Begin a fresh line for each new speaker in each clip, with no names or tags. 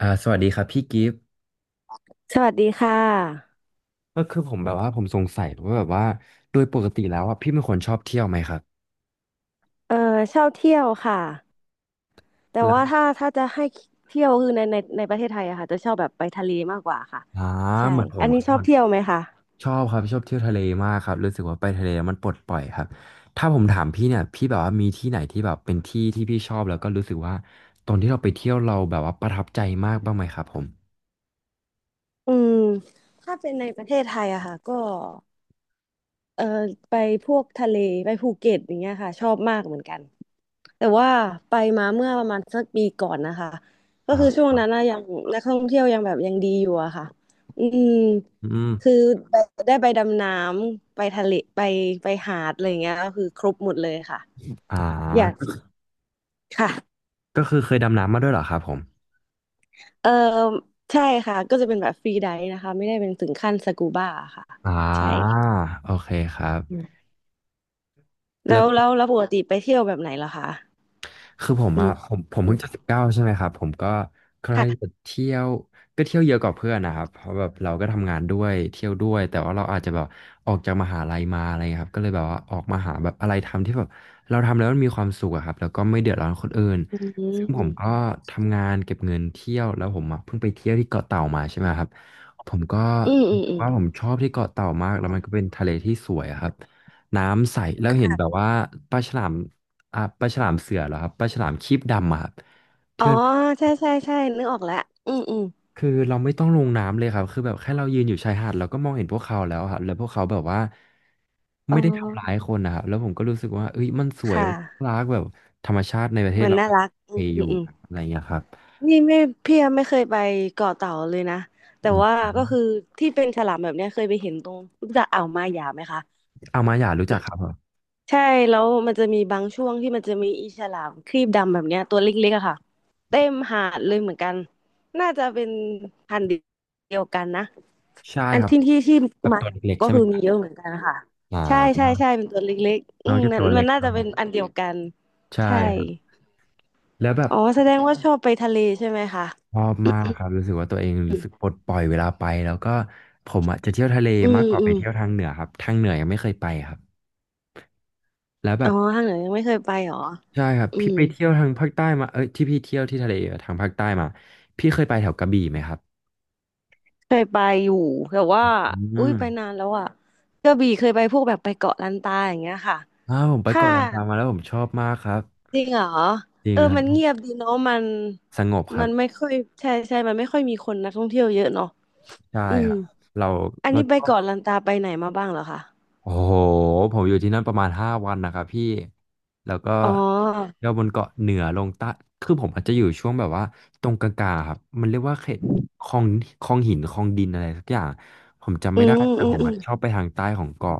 สวัสดีครับพี่กิฟต์
สวัสดีค่ะ
ก็คือผมแบบว่าผมสงสัยว่าแบบว่าโดยปกติแล้วอ่ะพี่เป็นคนชอบเที่ยวไหมครับ
เออชอบเที่ยวค่ะแต่
แล้ว
ว่าถ้าจะให้เที่ยวคือในประเทศไทยอะค่ะจะชอบแบบไปทะเลมากกว่าค่ะ
อ่า
ใช่
เหมือนผม
อัน
ค
นี้
รับ
ชอบ
มัน
เที่ยวไหมคะ
ชอบครับชอบเที่ยวทะเลมากครับรู้สึกว่าไปทะเลมันปลดปล่อยครับถ้าผมถามพี่เนี่ยพี่แบบว่ามีที่ไหนที่แบบเป็นที่ที่พี่ชอบแล้วก็รู้สึกว่าตอนที่เราไปเที่ยวเราแบบว่าประทับใจมากบ้างไหมครับผม
อืมถ้าเป็นในประเทศไทยอะค่ะก็เออไปพวกทะเลไปภูเก็ตอย่างเงี้ยค่ะชอบมากเหมือนกัน แต่ว่าไปมาเมื่อประมาณสักปีก่อนนะคะก็คือ
อ่า
ช่วงนั้นนะยังนักท่องเที่ยวยังแบบยังดีอยู่อะค่ะอืม
อืม
คือไปได้ไปดำน้ำไปทะเลไปหาดอะไรอย่างเงี้ยก็คือครบหมดเลยค่ะ
อ่า
อยาก
ก็คือ
ค่ะ
ก็คือเคยดำน้ำมาด้วยเหรอครับผม
เออใช่ค่ะก็จะเป็นแบบฟรีไดฟ์นะคะไม่ได้เป็นถึงขั้นสกูบ้าค่ะ
อ่า
ใช่
โอเคครับ
อืม
แล้
แล้
ว
วแล้วแล้วปกติไปเที่ยวแบบไหนเหรอคะ
คือผม
อื
อะ
ม
ผม
อื
เพิ่
ม
งจะ19ใช่ไหมครับผมก็ใครจะ
ค่ะ
เที่ยวก็เที่ยวเยอะกว่าเพื่อนนะครับเพราะแบบเราก็ทำงานด้วยเที่ยวด้วยแต่ว่าเราอาจจะแบบออกจากมหาลัยมาอะไรเงี้ยครับก็เลยแบบว่าออกมาหาแบบอะไรทำที่แบบเราทำแล้วมันมีความสุขอะครับแล้วก็ไม่เดือดร้อนคนอื่น
อื
ซึ่งผม
ม
ก็ทำงานเก็บเงินเที่ยวแล้วผมอะเพิ่งไปเที่ยวที่เกาะเต่ามาใช่ไหมครับผมก็
อืมอืมอืม
ว่าผมชอบที่เกาะเต่ามากแล้วมันก็เป็นทะเลที่สวยอะครับน้ำใสแล้วเห็นแบบ
ค่ะ
ว่าปลาฉลาม อ่ะปลาฉลามเสือเหรอครับปลาฉลามครีบดำอะครับ
อ๋
ที่
อ
มัน
ใช่นึกออกแล้วอืมอืม
คือเราไม่ต้องลงน้ำเลยครับคือแบบแค่เรายืนอยู่ชายหาดเราก็มองเห็นพวกเขาแล้วครับแล้วพวกเขาแบบว่า
อ๋อ
ไม่ได้ทำร้ายคนนะครับแล้วผมก็รู้สึกว่าเอ้ยมันส
ค
วยมัน
่ะ
น่ารักแบบธรรมชาติในประเทศ
มัน
เรา
น่ารักอื
เอ
ม
อ
อื
ยู่
มอืม
อะไรอย่างเงี้ยครับ
นี่ไม่พี่ยังไม่เคยไปเกาะเต่าเลยนะ
อื
แต่ว่า
ม
ก็คือที่เป็นฉลามแบบเนี้ยเคยไปเห็นตรงรู้จักอ่าวมาหยาไหมคะ
เอามาหยารู้จักครับผม
ใช่แล้วมันจะมีบางช่วงที่มันจะมีอีฉลามครีบดำแบบเนี้ยตัวเล็กๆอะค่ะเต็มหาดเลยเหมือนกันน่าจะเป็นพันธุ์เดียวกันนะ
ใช่
อัน
ครับ
ที่
แบบ
มา
ตัวเล็กๆ
ก็
ใช่ไหม
คือ
ค
มี
รับ
เยอะเหมือนกันค่ะ
อ่
ใช่ใช่
า
ใช่เป็นตัวเล็กๆอื
น้อง
ม
จะ
นั่
ตั
น
วเล็
มัน
ก
น่า
ครั
จะ
บ
เป็นอันเดียวกัน
ใช่
ใช่
ครับแล้วแบบ
อ๋อแสดงว่าชอบไปทะเลใช่ไหมคะ
ชอบมากครับรู้สึกว่าตัวเองรู้สึกปลดปล่อยเวลาไปแล้วก็ผมอ่ะจะเที่ยวทะเล
อื
มา
ม
กกว่า
อื
ไป
ม
เที่ยวทางเหนือครับทางเหนือยังไม่เคยไปครับแล้วแบ
อ๋อ
บ
ทางเหนือยังไม่เคยไปเหรอ
ใช่ครับ
อื
พี่
ม
ไปเที่ยวทางภาคใต้มาเอ้ยที่พี่เที่ยวที่ทะเลทางภาคใต้มาพี่เคยไปแถวกระบี่ไหมครับ
เคยไปอยู่แต่ว่า
อื
อุ้ย
ม
ไปนานแล้วอ่ะกระบี่เคยไปพวกแบบไปเกาะลันตาอย่างเงี้ยค่ะ
อ้าวผมไป
ค่ะ
เกาะลันตามาแล้วผมชอบมากครับ
จริงเหรอ
จริ
เอ
ง
อ
ครั
มันเงี
บ
ยบดีเนาะมัน
สงบครั
มั
บ
นไม่ค่อยใช่มันไม่ค่อยมีคนนักท่องเที่ยวเยอะเนาะ
ใช่
อื
ค
ม
รับเรา
อัน
เรา
นี้ไป
ชอบ
เกาะลันตาไปไหนมาบ้างเหรอคะ
โอ้โหผมอยู่ที่นั่นประมาณ5 วันนะครับพี่แล้วก็
อ๋อ
เที่ยวบนเกาะเหนือลงใต้คือผมอาจจะอยู่ช่วงแบบว่าตรงกลางๆครับมันเรียกว่าเขตคลองคลองหินคลองดินอะไรสักอย่างผมจำ
อื
ไม่ได้
ม
แต่
อื
ผ
ม
ม
อืม
อะชอบไปทางใต้ของเกาะ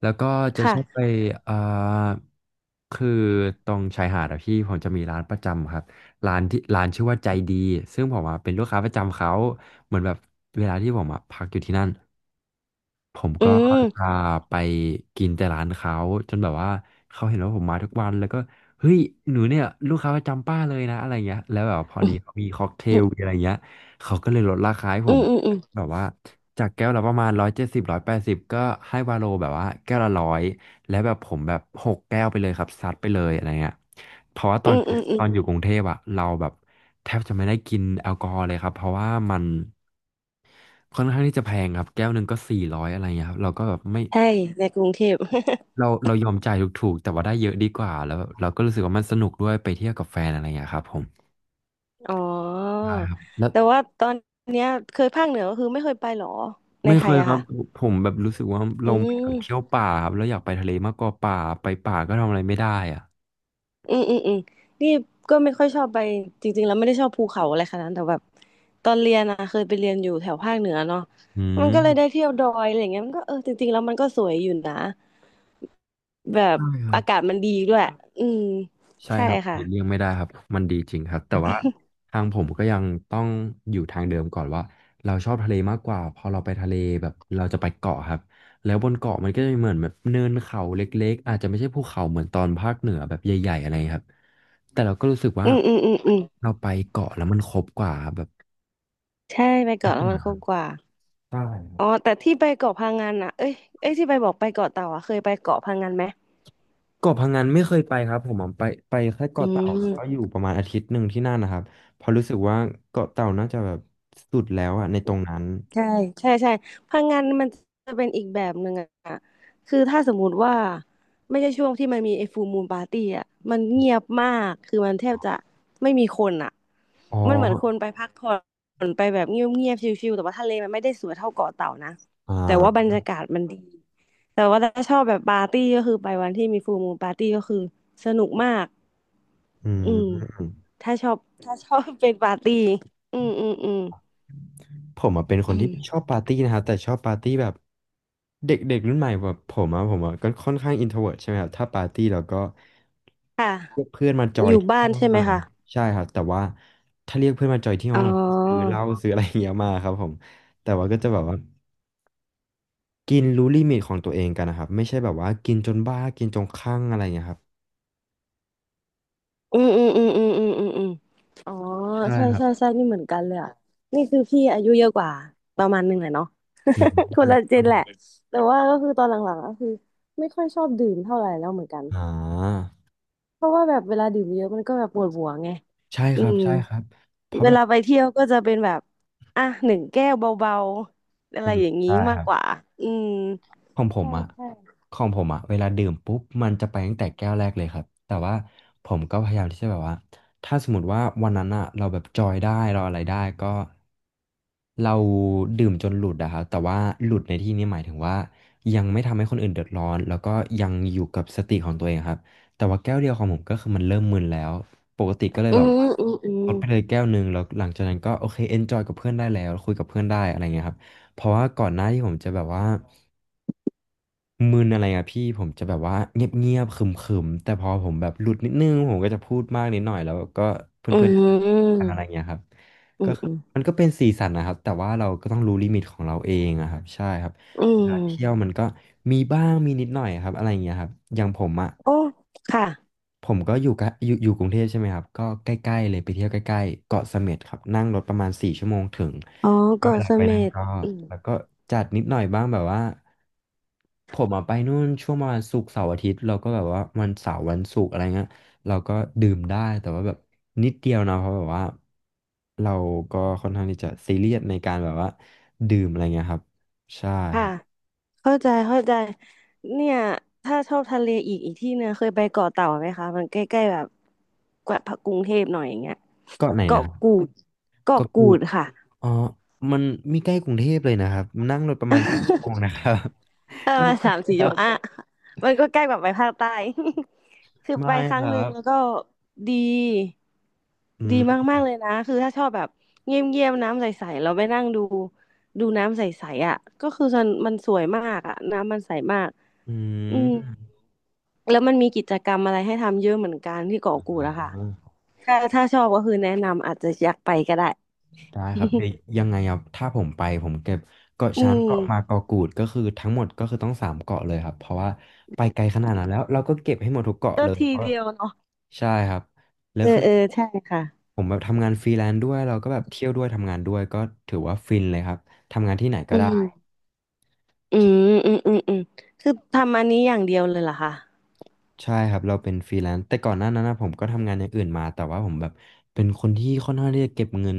แล้วก็จะชอบไป
ค่ะ
เอ่อคือตรงชายหาดอะพี่ผมจะมีร้านประจำครับร้านที่ร้านชื่อว่าใจดีซึ่งผมอะเป็นลูกค้าประจำเขาเหมือนแบบเวลาที่ผมอะพักอยู่ที่นั่น ผมก็
อืม
จะไปกินแต่ร้านเขาจนแบบว่าเขาเห็นว่าผมมาทุกวันแล้วก็เฮ้ยหนูเนี่ยลูกค้าประจำป้าเลยนะอะไรเงี้ยแล้วแบบพอดีเขา
อ
มีค็อกเทลมีอะไรเงี้ยเขาก็เลยลดราคาให้ผ
ื
ม
มอืมอืม
แบบว่าจากแก้วละประมาณ170180ก็ให้วาโลแบบว่าแก้วละร้อยแล้วแบบผมแบบ6 แก้วไปเลยครับซัดไปเลยอะไรเงี้ยเพราะว่าต
อื
อน
มอืมอื
ต
ม
อนอยู่กรุงเทพอะเราแบบแทบจะไม่ได้กินแอลกอฮอล์เลยครับเพราะว่ามัน ค่อนข้างที่จะแพงครับแก้วหนึ่งก็400อะไรเงี้ยครับเราก็แบบไม่
ใช่ในกรุงเทพ
เรายอมจ่ายถูกๆแต่ว่าได้เยอะดีกว่าแล้วเราก็รู้สึกว่ามันสนุกด้วยไปเที่ยวกับแฟนอะไรเงี้ยครับผม
อ๋อ
ใช่ครับแล้ว
แต่ว่าตอนเนี้ยเคยภาคเหนือก็คือไม่เคยไปเหรอใน
ไม่
ไท
เค
ย
ย
อะ
ครับ
ค่ะ
ผมแบบรู้สึกว่า
อื
เราไม่อยา
ม
กเที่ยวป่าครับเราอยากไปทะเลมากกว่าป่าไปป่าก็ทำอะไรไม่ได้อ่ะ
อืมอืมอืมนี่ก็ไม่ค่อยชอบไปจริงๆแล้วไม่ได้ชอบภูเขาอะไรขนาดนั้นแต่แบบตอนเรียนอะเคยไปเรียนอยู่แถวภาคเหนือเนาะ
อื
มันก็เลยได้
ม
เที่ยวดอยอะไรอย่างเงี้ยมันก็เออจริงๆแล้วมันก็สวยอยู่นะ แบบ
ใช่ครับ
อากาศมันดีด้วย อืม
ใช่
ใช่
ครับห
ค่ะ
ลีกเลี่ยงไม่ได้ครับมันดีจริงครับแต่ว่าทางผมก็ยังต้องอยู่ทางเดิมก่อนว่าเราชอบทะเลมากกว่าพอเราไปทะเลแบบเราจะไปเกาะครับแล้วบนเกาะมันก็จะมีเหมือนแบบเนินเขาเล็กๆอาจจะไม่ใช่ภูเขาเหมือนตอนภาคเหนือแบบใหญ่ๆอะไรครับแต่เราก็รู้สึกว่า
อืมอืมอืมอืม
เราไปเกาะแล้วมันครบกว่าแบบ
ใช่ไป
ทุ
เกาะ
ก
แล้ว
อ
มั
ย่า
น
งค
คุ้
รั
ม
บ
กว่า
ใช่ครับ
อ๋อ แต่ที่ไปเกาะพะงันอ่ะเอ้ยเอ้ยที่ไปบอกไปเกาะเต่าอ่ะเคยไปเกาะพะงันไหม
เกาะพังงานไม่เคยไปครับผมอะไปแค่
อื
เกาะเต่าแล้วก็
ม
อยู่ประมาณอาทิตย์หนึ่งที่นั่นนะครับเพอราะรู้สึกว่าเกาะเต่าน่าจะแบบสุดแล้วอะในตรงนั้น
ใช่ใช่พลังงานมันจะเป็นอีกแบบหนึ่งอะคือถ้าสมมุติว่าไม่ใช่ช่วงที่มันมีไอ้ฟูลมูนปาร์ตี้อะมันเงียบมากคือมันแทบจะไม่มีคนอะ
อ๋อ
มันเหมือนคนไปพักผ่อนไปแบบเงียบเงียบชิลๆแต่ว่าทะเลมันไม่ได้สวยเท่าเกาะเต่านะ
อ
แต่ว่า
่า
บรรยากาศมันดีแต่ว่าถ้าชอบแบบปาร์ตี้ก็คือไปวันที่มีฟูลมูนปาร์ตี้ก็คือสนุกมาก
อื
อืม
ม
ถ้าชอบถ้าชอบเป็นปาร์ตี้อืมอืมอืม
ผมเป็นคนที่ ชอบปาร์ตี้นะครับแต่ชอบปาร์ตี้แบบเด็กเด็กรุ่นใหม่แบบผมก็ค่อนข้างอินโทรเวิร์ตใช่ไหมครับถ้าปาร์ตี้เราก็
ค่ะ
เรียกเพื่อนมาจอ
อ
ย
ยู่
ที่
บ้า
ห้อ
น
ง
ใช่ไหม
อะไร
คะ
นะใช่ครับแต่ว่าถ้าเรียกเพื่อนมาจอยที่ห้
อ๋
อ
อ
งเราก็ซื้อเหล้าซื้ออะไรอย่างเงี้ยมาครับผมแต่ว่าก็จะแบบว่ากินรู้ลิมิตของตัวเองกันนะครับไม่ใช่แบบว่ากินจนบ้ากินจนคลั่งอะไรอย่างเงี้ยครับ
อืมอืมอืมอืมอืมอืมอืมอ๋อ
ใช่
ใช่
ครับ
ใช่ใช่นี่เหมือนกันเลยอ่ะนี่คือพี่อายุเยอะกว่าประมาณหนึ่งเลยเนาะ
อืม
คนละเจ
ครั
น
บผ
แหละ
ม
แต่ว่าก็คือตอนหลังๆก็คือไม่ค่อยชอบดื่มเท่าไหร่แล้วเหมือนกัน
อ่า
เพราะว่าแบบเวลาดื่มเยอะมันก็แบบปวดหัวไง
ใช่
อื
ครับ
ม
ใช่ครับเพราะ
เว
แบบ
ลาไปเที่ยวก็จะเป็นแบบอ่ะหนึ่งแก้วเบาๆอะ
อื
ไร
ม
อย่างนี้
ได้ค
มาก
รับ
กว่าอืม
ของผม
ใช่
อะ
ใช่
ของผมอะเวลาดื่มปุ๊บมันจะไปตั้งแต่แก้วแรกเลยครับแต่ว่าผมก็พยายามที่จะแบบว่าถ้าสมมติว่าวันนั้นอะเราแบบจอยได้เราอะไรได้ก็เราดื่มจนหลุดอะครับแต่ว่าหลุดในที่นี้หมายถึงว่ายังไม่ทำให้คนอื่นเดือดร้อนแล้วก็ยังอยู่กับสติของตัวเองครับแต่ว่าแก้วเดียวของผมก็คือมันเริ่มมึนแล้วปกติก็เลย
อื
แบบ
ม
ว่า
อืมอืม
ลดไปเลยแก้วหนึ่งแล้วหลังจากนั้นก็โอเคเอนจอยกับเพื่อนได้แล้วคุยกับเพื่อนได้อะไรเงี้ยครับเพราะว่าก่อนหน้าที่ผมจะแบบว่า มึนอะไรอะพี่ผมจะแบบว่าเงียบๆขรึมๆแต่พอผมแบบหลุดนิดนึงผมก็จะพูดมากนิดหน่อยแล้วก็
อื
เพื่อ
ม
นๆก
อืม
ันอะไรเงี้ยครับ
อื
ก็คือ
ม
มันก็เป็นสีสันนะครับแต่ว่าเราก็ต้องรู้ลิมิตของเราเองอะครับใช่ครับ
อื
เว
ม
ลาเที่ยวมันก็มีบ้างมีนิดหน่อยครับอะไรเงี้ยครับอย่างผมอะ
โอ้ ค่ะ
ผมก็อยู่กรุงเทพใช่ไหมครับก็ใกล้ๆเลยไปเที่ยวใกล้ๆเกาะเสม็ดครับนั่งรถประมาณ4 ชั่วโมงถึง
อ๋อ
ก็เว
เกาะ
ลา
เส
ไป
ม็
นั้น
ด
ก็
อืม
แล้วก็จัดนิดหน่อยบ้างแบบว่าผมอะไปนู่นช่วงประมาณศุกร์เสาร์อาทิตย์เราก็แบบว่าวันเสาร์วันศุกร์อะไรเงี้ยเราก็ดื่มได้แต่ว่าแบบนิดเดียวนะเพราะแบบว่าเราก็ค่อนข้างที่จะซีเรียสในการแบบว่าดื่มอะไรเงี้ยครับใช่ค
ค่ะ
รับ
เข้าใจ เข้าใจ เนี่ย ถ้าชอบทะเลอีกอีกที่เนี่ย เคยไปเกาะเต่าไหมคะ มันใกล้ๆแบบกว่ากรุงเทพหน่อยอย่างเงี้ย
เก็ไหนนะ
เกาะ
ครับ
กูด
เก็
เกาะกู
พูด
ดค่ะ
อ๋อมันมีใกล้กรุงเทพเลยนะครับนั่งรถประมาณ7 ชั่วโมงนะค รับ
เออ
ไม่
มา
ใก
สา
ล้
มสี่
ค
จัง
รั
ห
บ
วัดอ่ะมันก็ใกล้แบบไปภาคใต้ คือไป
ไม่
ค
ค
รั้งห
รั
นึ่ง
บ
แล้วก็ดี
อื
ดี
ม
มากๆเลยนะคือถ้าชอบแบบเงียบๆน้ำใสๆเราไปนั่งดูดูน้ำใสๆอ่ะก็คือมันมันสวยมากอ่ะน้ำมันใสมาก
อื
อืม
ม
แล้วมันมีกิจกรรมอะไรให้ทำเยอะเหมือนกันที่เกาะกูดอะค่ะ
อ๋อ
ถ้าถ้าชอบก็คือแนะนำอาจจะอยากไปก็ได้
ได้ครับเดี๋ยวยังไงอ่ถ้าผมไปผมเก็บเกาะ
อื
ช้าง
ม
เกาะมาเกาะกูดก็คือทั้งหมดก็คือต้อง3 เกาะเลยครับเพราะว่าไปไกลขนาดนั้นแล้วเราก็เก็บให้หมดทุกเกาะ
ก็
เลย
ที
เพราะ
เดียวเนาะ
ใช่ครับแล้
เอ
ว
อ
คือ
เออใช่ค่ะ
ผมแบบทำงานฟรีแลนซ์ด้วยเราก็แบบเที่ยวด้วยทำงานด้วยก็ถือว่าฟินเลยครับทำงานที่ไหนก็
อื
ได้
ม อืมอืมอืมอืมคือทำอันนี้อย่างเดียวเลยเหรอคะ
ใช่ครับเราเป็นฟรีแลนซ์แต่ก่อนหน้านั้นนะผมก็ทำงานอย่างอื่นมาแต่ว่าผมแบบเป็นคนที่ค่อนข้างที่จะเก็บเงิน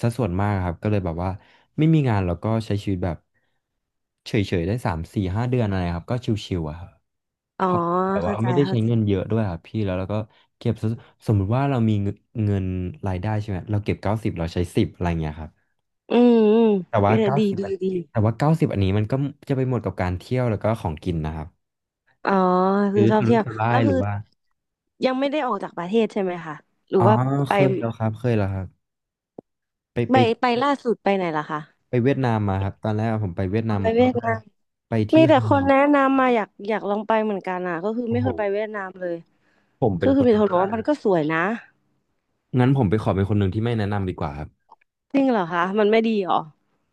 สัดส่วนมากครับก็เลยแบบว่าไม่มีงานเราก็ใช้ชีวิตแบบเฉยๆได้3-4-5 เดือนอะไรครับก็ชิวๆอะครับ
อ๋อ
เพราะแบบว่า
เข้าใจ
ไม่ได้
เข้า
ใช้
ใจ
เงินเยอะด้วยครับพี่แล้วเราก็เก็บสัดสมมุติว่าเรามีเงินรายได้ใช่ไหมเราเก็บเก้าสิบเราใช้สิบอะไรเงี้ยครับ
อืมอืม
แต่
เอ
ว่า
อ
เก้า
ดี
สิบ
ดีดี
แต่ว่าเก้าสิบอันนี้มันก็จะไปหมดกับการเที่ยวแล้วก็ของกินนะครับ
อ๋อคือ
ซื้อ
ชอ
สุ
บ
รุ่
เที่
ย
ยว
สุร่า
แล้
ย
ว
ห
คื
รื
อ
อว่า
ยังไม่ได้ออกจากประเทศใช่ไหมคะหรื
อ๋
อ
อ
ว่าไป
เคยแล้วครับเคยแล้วครับไป
ไป
ไป
ไปล่าสุดไปไหนล่ะคะ
ไปเวียดนามมาครับตอนแรกผมไปเวียด
อ๋
นา
อ
ม
ไป
มาร
เวี
อ
ยด
บแร
นา
ก
ม
ไปที่
มีแต่
ฮั
คน
น
แนะนำมาอยากลองไปเหมือนกันอ่ะก็คือ
โอ้
ไม่
โห
เคยไปเวียดนามเลย
ผมเป็
คือ
นค
คือมีแต่ค
น
นบอกว่ามันก็สวยนะ
งั้นผมไปขอเป็นคนหนึ่งที่ไม่แนะนำดีกว่าครับ
จริงเหรอคะมันไม่ดีเหรอ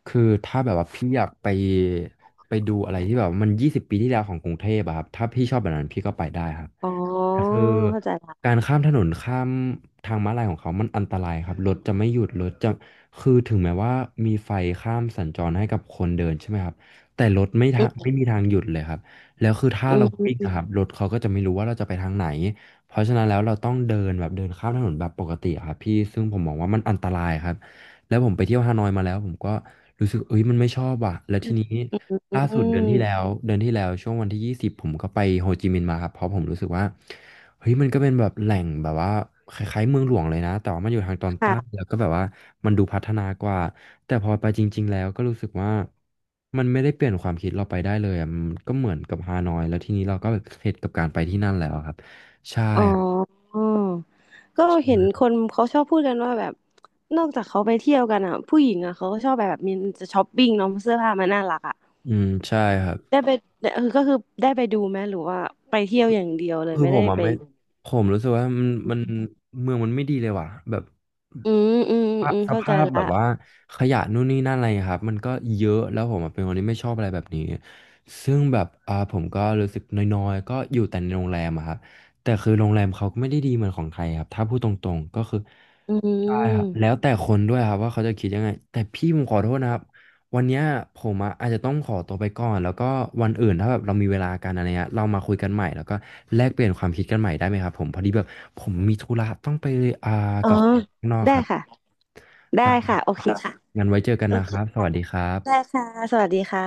คือถ้าแบบว่าพี่อยากไปไปดูอะไรที่แบบว่ามัน20 ปีที่แล้วของกรุงเทพอะครับถ้าพี่ชอบแบบนั้นพี่ก็ไปได้ครับ
อ๋อ
คือ
เข้าใจละ
การข้ามถนนข้ามทางม้าลายของเขามันอันตรายครับรถจะไม่หยุดรถจะคือถึงแม้ว่ามีไฟข้ามสัญจรให้กับคนเดินใช่ไหมครับแต่รถไม่
อื
ทางไม่
ม
มีทางหยุดเลยครับแล้วคือถ้า
อื
เราวิ่ง
ม
นะครับรถเขาก็จะไม่รู้ว่าเราจะไปทางไหนเพราะฉะนั้นแล้วเราต้องเดินแบบเดินข้ามถนนแบบปกติอะครับพี่ซึ่งผมมองว่ามันอันตรายครับ แล้วผมไปเที่ยวฮานอยมาแล้วผมก็รู้สึกเอ้ยมันไม่ชอบอ่ะแล้วทีนี้
อืมอืม
ล่า
อื
สุด
ม
เดือนที่แล้วเดือนที่แล้วช่วงวันที่ 20ผมก็ไปโฮจิมินห์มาครับเพราะผมรู้สึกว่าเฮ้ยมันก็เป็นแบบแหล่งแบบว่าคล้ายๆเมืองหลวงเลยนะแต่ว่ามันอยู่ทางตอนใต้แล้
ค่ะ
วก็แบบว่ามันดูพัฒนากว่าแต่พอไปจริงๆแล้วก็รู้สึกว่ามันไม่ได้เปลี่ยนความคิดเราไปได้เลยอะมันก็เหมือนกับฮานอยแล้วทีนี้เราก็เข็ดกับการไปที่นั่นแล้วครับใช่
อ๋อก็เห็นคนเขาชอบพูดกันว่าแบบนอกจากเขาไปเที่ยวกันอ่ะผู้หญิงอ่ะเขาก็ชอบแบบมีจะช้อปปิ้งเนาะเสื้อผ้ามันน่ารักอ่ะ
อืมใช่ครับ
ได้ไปเออก็คือได้ไปดูไหมหรือว่าไปเที่ยวอย่างเดียวเลย
คือ
ไม่
ผ
ได้
มอ่ะ
ไป
ไม่ผมรู้สึกว่ามันเมืองมันไม่ดีเลยว่ะแบบ
อืมอืมอืม
ส
เข้าใจ
ภาพแบ
ละ
บว่าขยะนู่นนี่นั่นอะไรครับมันก็เยอะแล้วผมอะเป็นคนที่ไม่ชอบอะไรแบบนี้ซึ่งแบบผมก็รู้สึกน้อยๆก็อยู่แต่ในโรงแรมอะครับแต่คือโรงแรมเขาก็ไม่ได้ดีเหมือนของไทยครับถ้าพูดตรงๆก็คือ
อื
ใช่ครับแล้ว
ม
แต่คนด้วยครับว่าเขาจะคิดยังไงแต่พี่ผมขอโทษนะครับวันเนี้ยผมอะอาจจะต้องขอตัวไปก่อนแล้วก็วันอื่นถ้าแบบเรามีเวลากันอะไรเงี้ยเรามาคุยกันใหม่แล้วก็แลกเปลี่ยนความคิดกันใหม่ได้ไหมครับผมพอดีแบบผมมีธุระต้องไปอ่า
อ๋อ
กับแฟนข้างนอก
ได้
ครับ
ค่ะได้ค่ะ
ได้
โอเคค่ะ
งั้นไว้เจอกัน
โอ
นะ
เค
ครับส
ค่ะ
วัสดีครั
ได้
บ
ค่ะสวัสดีค่ะ